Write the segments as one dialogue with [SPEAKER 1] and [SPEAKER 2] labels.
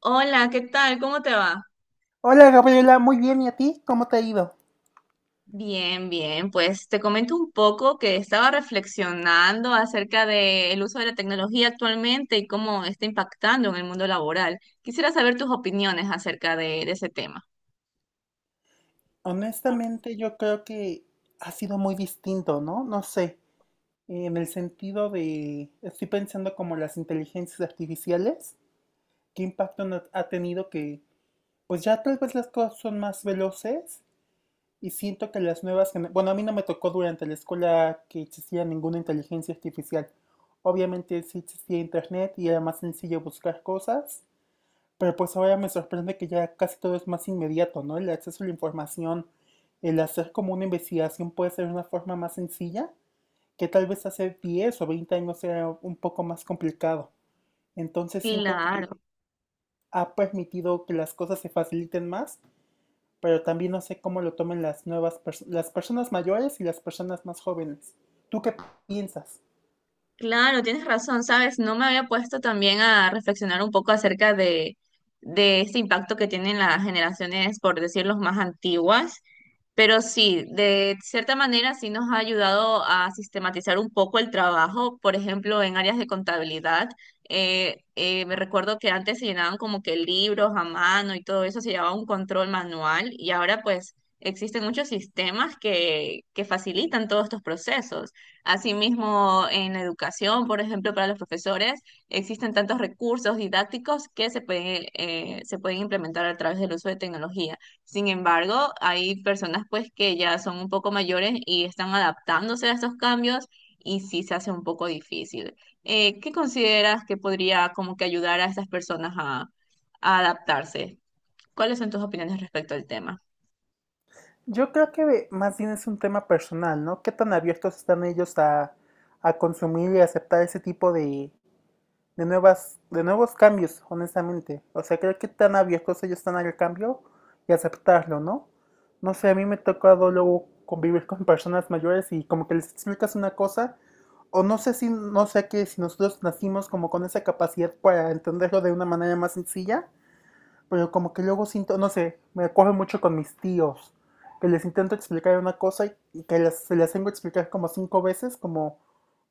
[SPEAKER 1] Hola, ¿qué tal? ¿Cómo te va?
[SPEAKER 2] Hola Gabriela, muy bien, ¿y a ti? ¿Cómo te ha ido?
[SPEAKER 1] Bien, bien, pues te comento un poco que estaba reflexionando acerca del uso de la tecnología actualmente y cómo está impactando en el mundo laboral. Quisiera saber tus opiniones acerca de ese tema.
[SPEAKER 2] Honestamente, yo creo que ha sido muy distinto, ¿no? No sé, en el sentido de, estoy pensando como las inteligencias artificiales, qué impacto ha tenido que, pues ya tal vez las cosas son más veloces y siento que las nuevas, bueno, a mí no me tocó durante la escuela que existía ninguna inteligencia artificial. Obviamente sí existía internet y era más sencillo buscar cosas. Pero pues ahora me sorprende que ya casi todo es más inmediato, ¿no? El acceso a la información, el hacer como una investigación puede ser una forma más sencilla, que tal vez hace 10 o 20 años era un poco más complicado. Entonces siento
[SPEAKER 1] Claro,
[SPEAKER 2] que ha permitido que las cosas se faciliten más, pero también no sé cómo lo tomen las las personas mayores y las personas más jóvenes. ¿Tú qué piensas?
[SPEAKER 1] claro, tienes razón, sabes, no me había puesto también a reflexionar un poco acerca de este impacto que tienen las generaciones, por decir, los más antiguas. Pero sí, de cierta manera sí nos ha ayudado a sistematizar un poco el trabajo, por ejemplo, en áreas de contabilidad. Me recuerdo que antes se llenaban como que libros a mano y todo eso, se llevaba un control manual y ahora pues existen muchos sistemas que facilitan todos estos procesos. Asimismo, en educación, por ejemplo, para los profesores, existen tantos recursos didácticos que se pueden implementar a través del uso de tecnología. Sin embargo, hay personas pues que ya son un poco mayores y están adaptándose a estos cambios y sí se hace un poco difícil. ¿Qué consideras que podría como que ayudar a estas personas a adaptarse? ¿Cuáles son tus opiniones respecto al tema?
[SPEAKER 2] Yo creo que más bien es un tema personal, ¿no? ¿Qué tan abiertos están ellos a consumir y aceptar ese tipo de nuevas, de nuevos cambios, honestamente. O sea, creo que tan abiertos ellos están al cambio y aceptarlo, ¿no? No sé, a mí me ha tocado luego convivir con personas mayores y como que les explicas una cosa, o no sé si, no sé que si nosotros nacimos como con esa capacidad para entenderlo de una manera más sencilla, pero como que luego siento, no sé, me coge mucho con mis tíos, que les intento explicar una cosa y se las tengo que explicar como 5 veces, como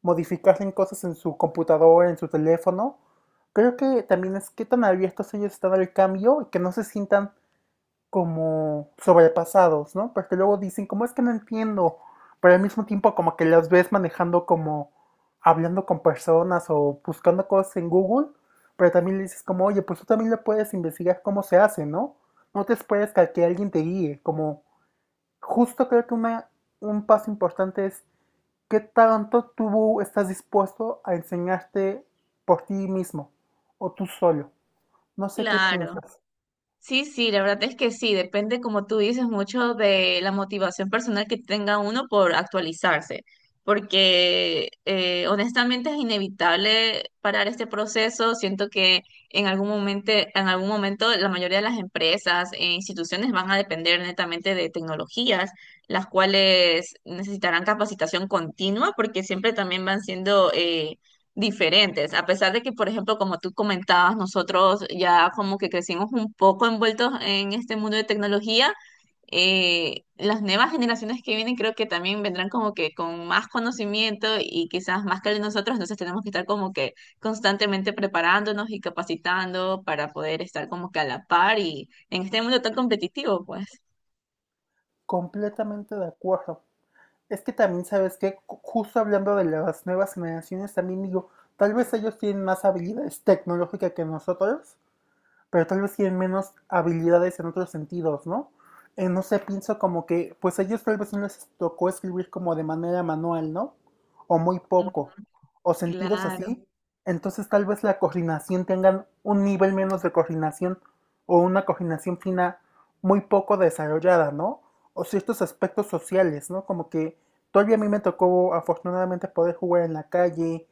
[SPEAKER 2] modificar en cosas en su computadora, en su teléfono. Creo que también es que tan abiertos ellos están al cambio y que no se sientan como sobrepasados, ¿no? Porque luego dicen, como es que no entiendo, pero al mismo tiempo como que las ves manejando como hablando con personas o buscando cosas en Google, pero también le dices como, oye, pues tú también le puedes investigar cómo se hace, ¿no? No te esperes que, a que alguien te guíe, como justo creo que una, un paso importante es qué tanto tú estás dispuesto a enseñarte por ti mismo o tú solo. No sé qué
[SPEAKER 1] Claro.
[SPEAKER 2] piensas.
[SPEAKER 1] Sí, sí, la verdad es que sí, depende, como tú dices, mucho de la motivación personal que tenga uno por actualizarse, porque honestamente es inevitable parar este proceso. Siento que en algún momento la mayoría de las empresas e instituciones van a depender netamente de tecnologías, las cuales necesitarán capacitación continua, porque siempre también van siendo... diferentes, a pesar de que, por ejemplo, como tú comentabas, nosotros ya como que crecimos un poco envueltos en este mundo de tecnología. Las nuevas generaciones que vienen creo que también vendrán como que con más conocimiento y quizás más que el de nosotros, entonces tenemos que estar como que constantemente preparándonos y capacitando para poder estar como que a la par y en este mundo tan competitivo, pues.
[SPEAKER 2] Completamente de acuerdo. Es que también, ¿sabes? Que Justo hablando de las nuevas generaciones, también digo, tal vez ellos tienen más habilidades tecnológicas que nosotros, pero tal vez tienen menos habilidades en otros sentidos, ¿no? No sé, pienso como que, pues a ellos tal vez no les tocó escribir como de manera manual, ¿no? O muy poco, o sentidos
[SPEAKER 1] Claro,
[SPEAKER 2] así. Entonces tal vez la coordinación tengan un nivel menos de coordinación o una coordinación fina muy poco desarrollada, ¿no? O ciertos aspectos sociales, ¿no? Como que todavía a mí me tocó afortunadamente poder jugar en la calle.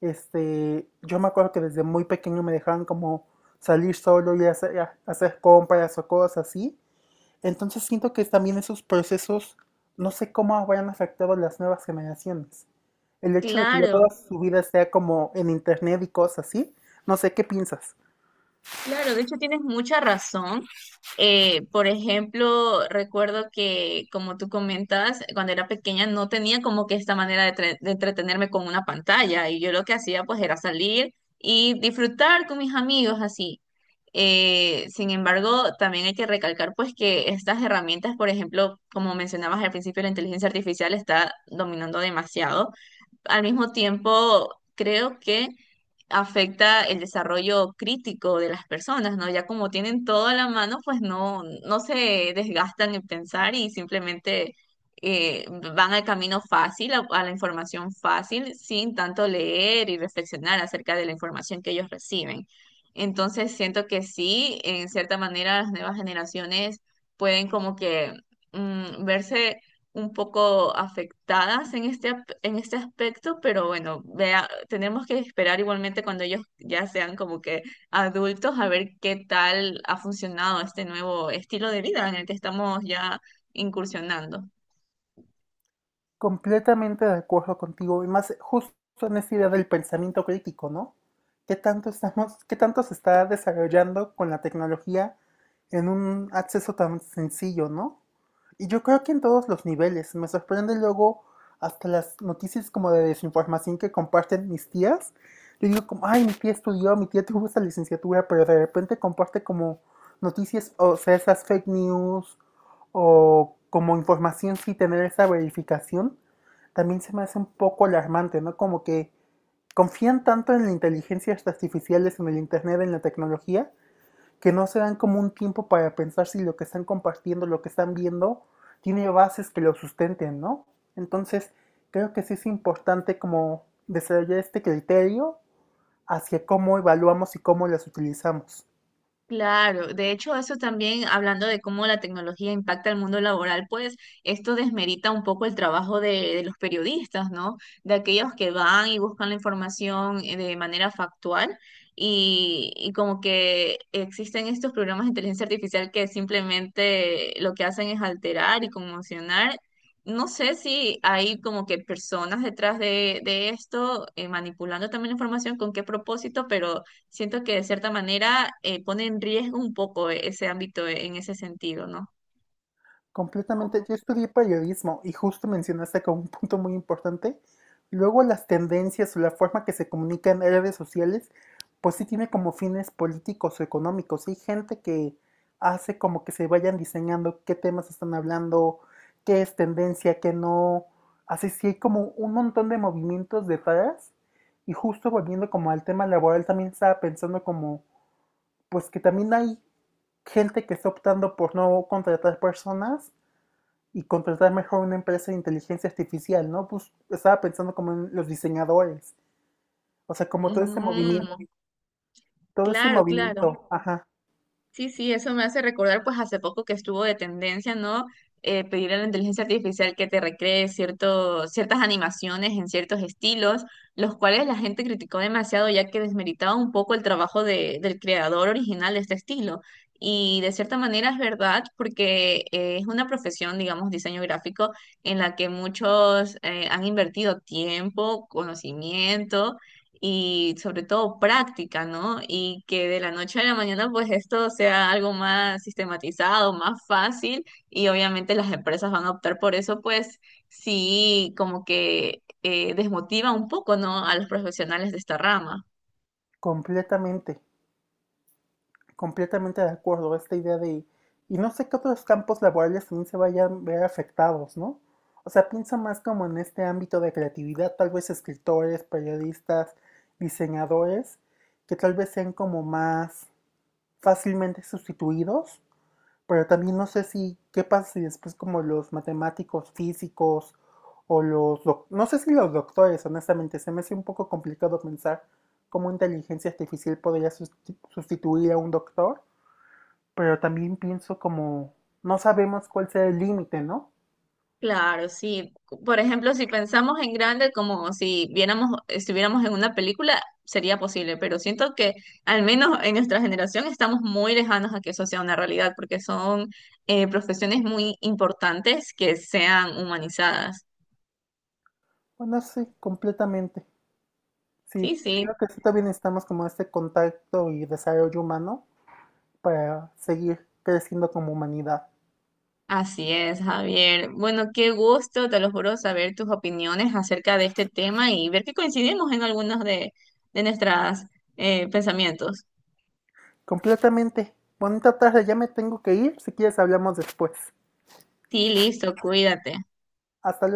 [SPEAKER 2] Este, yo me acuerdo que desde muy pequeño me dejaban como salir solo y hacer compras o cosas así. Entonces siento que también esos procesos, no sé cómo habrán afectado a las nuevas generaciones. El hecho de que ya
[SPEAKER 1] claro.
[SPEAKER 2] toda su vida sea como en internet y cosas así, no sé qué piensas.
[SPEAKER 1] Claro, de hecho tienes mucha razón. Por ejemplo, recuerdo que, como tú comentas, cuando era pequeña no tenía como que esta manera de entretenerme con una pantalla y yo lo que hacía pues era salir y disfrutar con mis amigos así. Sin embargo, también hay que recalcar pues que estas herramientas, por ejemplo, como mencionabas al principio, la inteligencia artificial está dominando demasiado. Al mismo tiempo, creo que afecta el desarrollo crítico de las personas, ¿no? Ya como tienen todo a la mano, pues no, no se desgastan en pensar y simplemente eh, van al camino fácil, a la información fácil, sin tanto leer y reflexionar acerca de la información que ellos reciben. Entonces siento que sí, en cierta manera las nuevas generaciones pueden como que verse un poco afectadas en en este aspecto, pero bueno, vea, tenemos que esperar igualmente cuando ellos ya sean como que adultos a ver qué tal ha funcionado este nuevo estilo de vida en el que estamos ya incursionando.
[SPEAKER 2] Completamente de acuerdo contigo, y más justo en esa idea del pensamiento crítico, ¿no? ¿Qué tanto estamos, qué tanto se está desarrollando con la tecnología en un acceso tan sencillo, ¿no? Y yo creo que en todos los niveles. Me sorprende luego hasta las noticias como de desinformación que comparten mis tías. Yo digo como, ay, mi tía estudió, mi tía tuvo esa licenciatura, pero de repente comparte como noticias, o sea, esas fake news o como información sí tener esa verificación, también se me hace un poco alarmante, ¿no? Como que confían tanto en las inteligencias artificiales, en el Internet, en la tecnología, que no se dan como un tiempo para pensar si lo que están compartiendo, lo que están viendo, tiene bases que lo sustenten, ¿no? Entonces, creo que sí es importante como desarrollar este criterio hacia cómo evaluamos y cómo las utilizamos.
[SPEAKER 1] Claro, de hecho eso también, hablando de cómo la tecnología impacta el mundo laboral, pues esto desmerita un poco el trabajo de los periodistas, ¿no? De aquellos que van y buscan la información de manera factual y como que existen estos programas de inteligencia artificial que simplemente lo que hacen es alterar y conmocionar. No sé si hay como que personas detrás de esto, manipulando también la información, con qué propósito, pero... Siento que de cierta manera, pone en riesgo un poco ese ámbito en ese sentido, ¿no?
[SPEAKER 2] Completamente. Yo estudié periodismo y justo mencionaste como un punto muy importante. Luego las tendencias o la forma que se comunica en redes sociales, pues sí tiene como fines políticos o económicos. Hay gente que hace como que se vayan diseñando qué temas están hablando, qué es tendencia, qué no. Así sí hay como un montón de movimientos detrás. Y justo volviendo como al tema laboral, también estaba pensando como, pues que también hay gente que está optando por no contratar personas y contratar mejor una empresa de inteligencia artificial, ¿no? Pues estaba pensando como en los diseñadores, o sea, como
[SPEAKER 1] O
[SPEAKER 2] todo
[SPEAKER 1] sea,
[SPEAKER 2] ese movimiento,
[SPEAKER 1] mm, claro, claro.
[SPEAKER 2] ajá,
[SPEAKER 1] Sí, sí, eso me hace recordar, pues hace poco que estuvo de tendencia, ¿no? Pedir a la inteligencia artificial que te recree ciertas animaciones en ciertos estilos, los cuales la gente criticó demasiado ya que desmeritaba un poco el trabajo del creador original de este estilo. Y de cierta manera es verdad, porque es una profesión, digamos, diseño gráfico, en la que muchos han invertido tiempo, conocimiento y sobre todo práctica, ¿no? Y que de la noche a la mañana pues esto sea algo más sistematizado, más fácil y obviamente las empresas van a optar por eso, pues sí, como que, desmotiva un poco, ¿no? A los profesionales de esta rama.
[SPEAKER 2] completamente, completamente de acuerdo, esta idea de, y no sé qué otros campos laborales también se vayan a ver afectados, ¿no? O sea, pienso más como en este ámbito de creatividad, tal vez escritores, periodistas, diseñadores, que tal vez sean como más fácilmente sustituidos. Pero también no sé si, ¿qué pasa si después como los matemáticos, físicos o no sé si los doctores, honestamente, se me hace un poco complicado pensar cómo inteligencia artificial podría sustituir a un doctor, pero también pienso como, no sabemos cuál será el límite, ¿no?
[SPEAKER 1] Claro, sí. Por ejemplo, si pensamos en grande, como si viéramos, estuviéramos en una película, sería posible, pero siento que al menos en nuestra generación estamos muy lejanos a que eso sea una realidad, porque son profesiones muy importantes que sean humanizadas.
[SPEAKER 2] Bueno, sí, completamente. Sí,
[SPEAKER 1] Sí, sí,
[SPEAKER 2] creo que sí también necesitamos como este contacto y desarrollo humano para seguir creciendo como humanidad.
[SPEAKER 1] así es, Javier. Bueno, qué gusto, te lo juro, saber tus opiniones acerca de este tema y ver que coincidimos en algunos de nuestros pensamientos.
[SPEAKER 2] Completamente. Bonita tarde, ya me tengo que ir. Si quieres hablamos después.
[SPEAKER 1] Sí, listo, cuídate.
[SPEAKER 2] Hasta luego.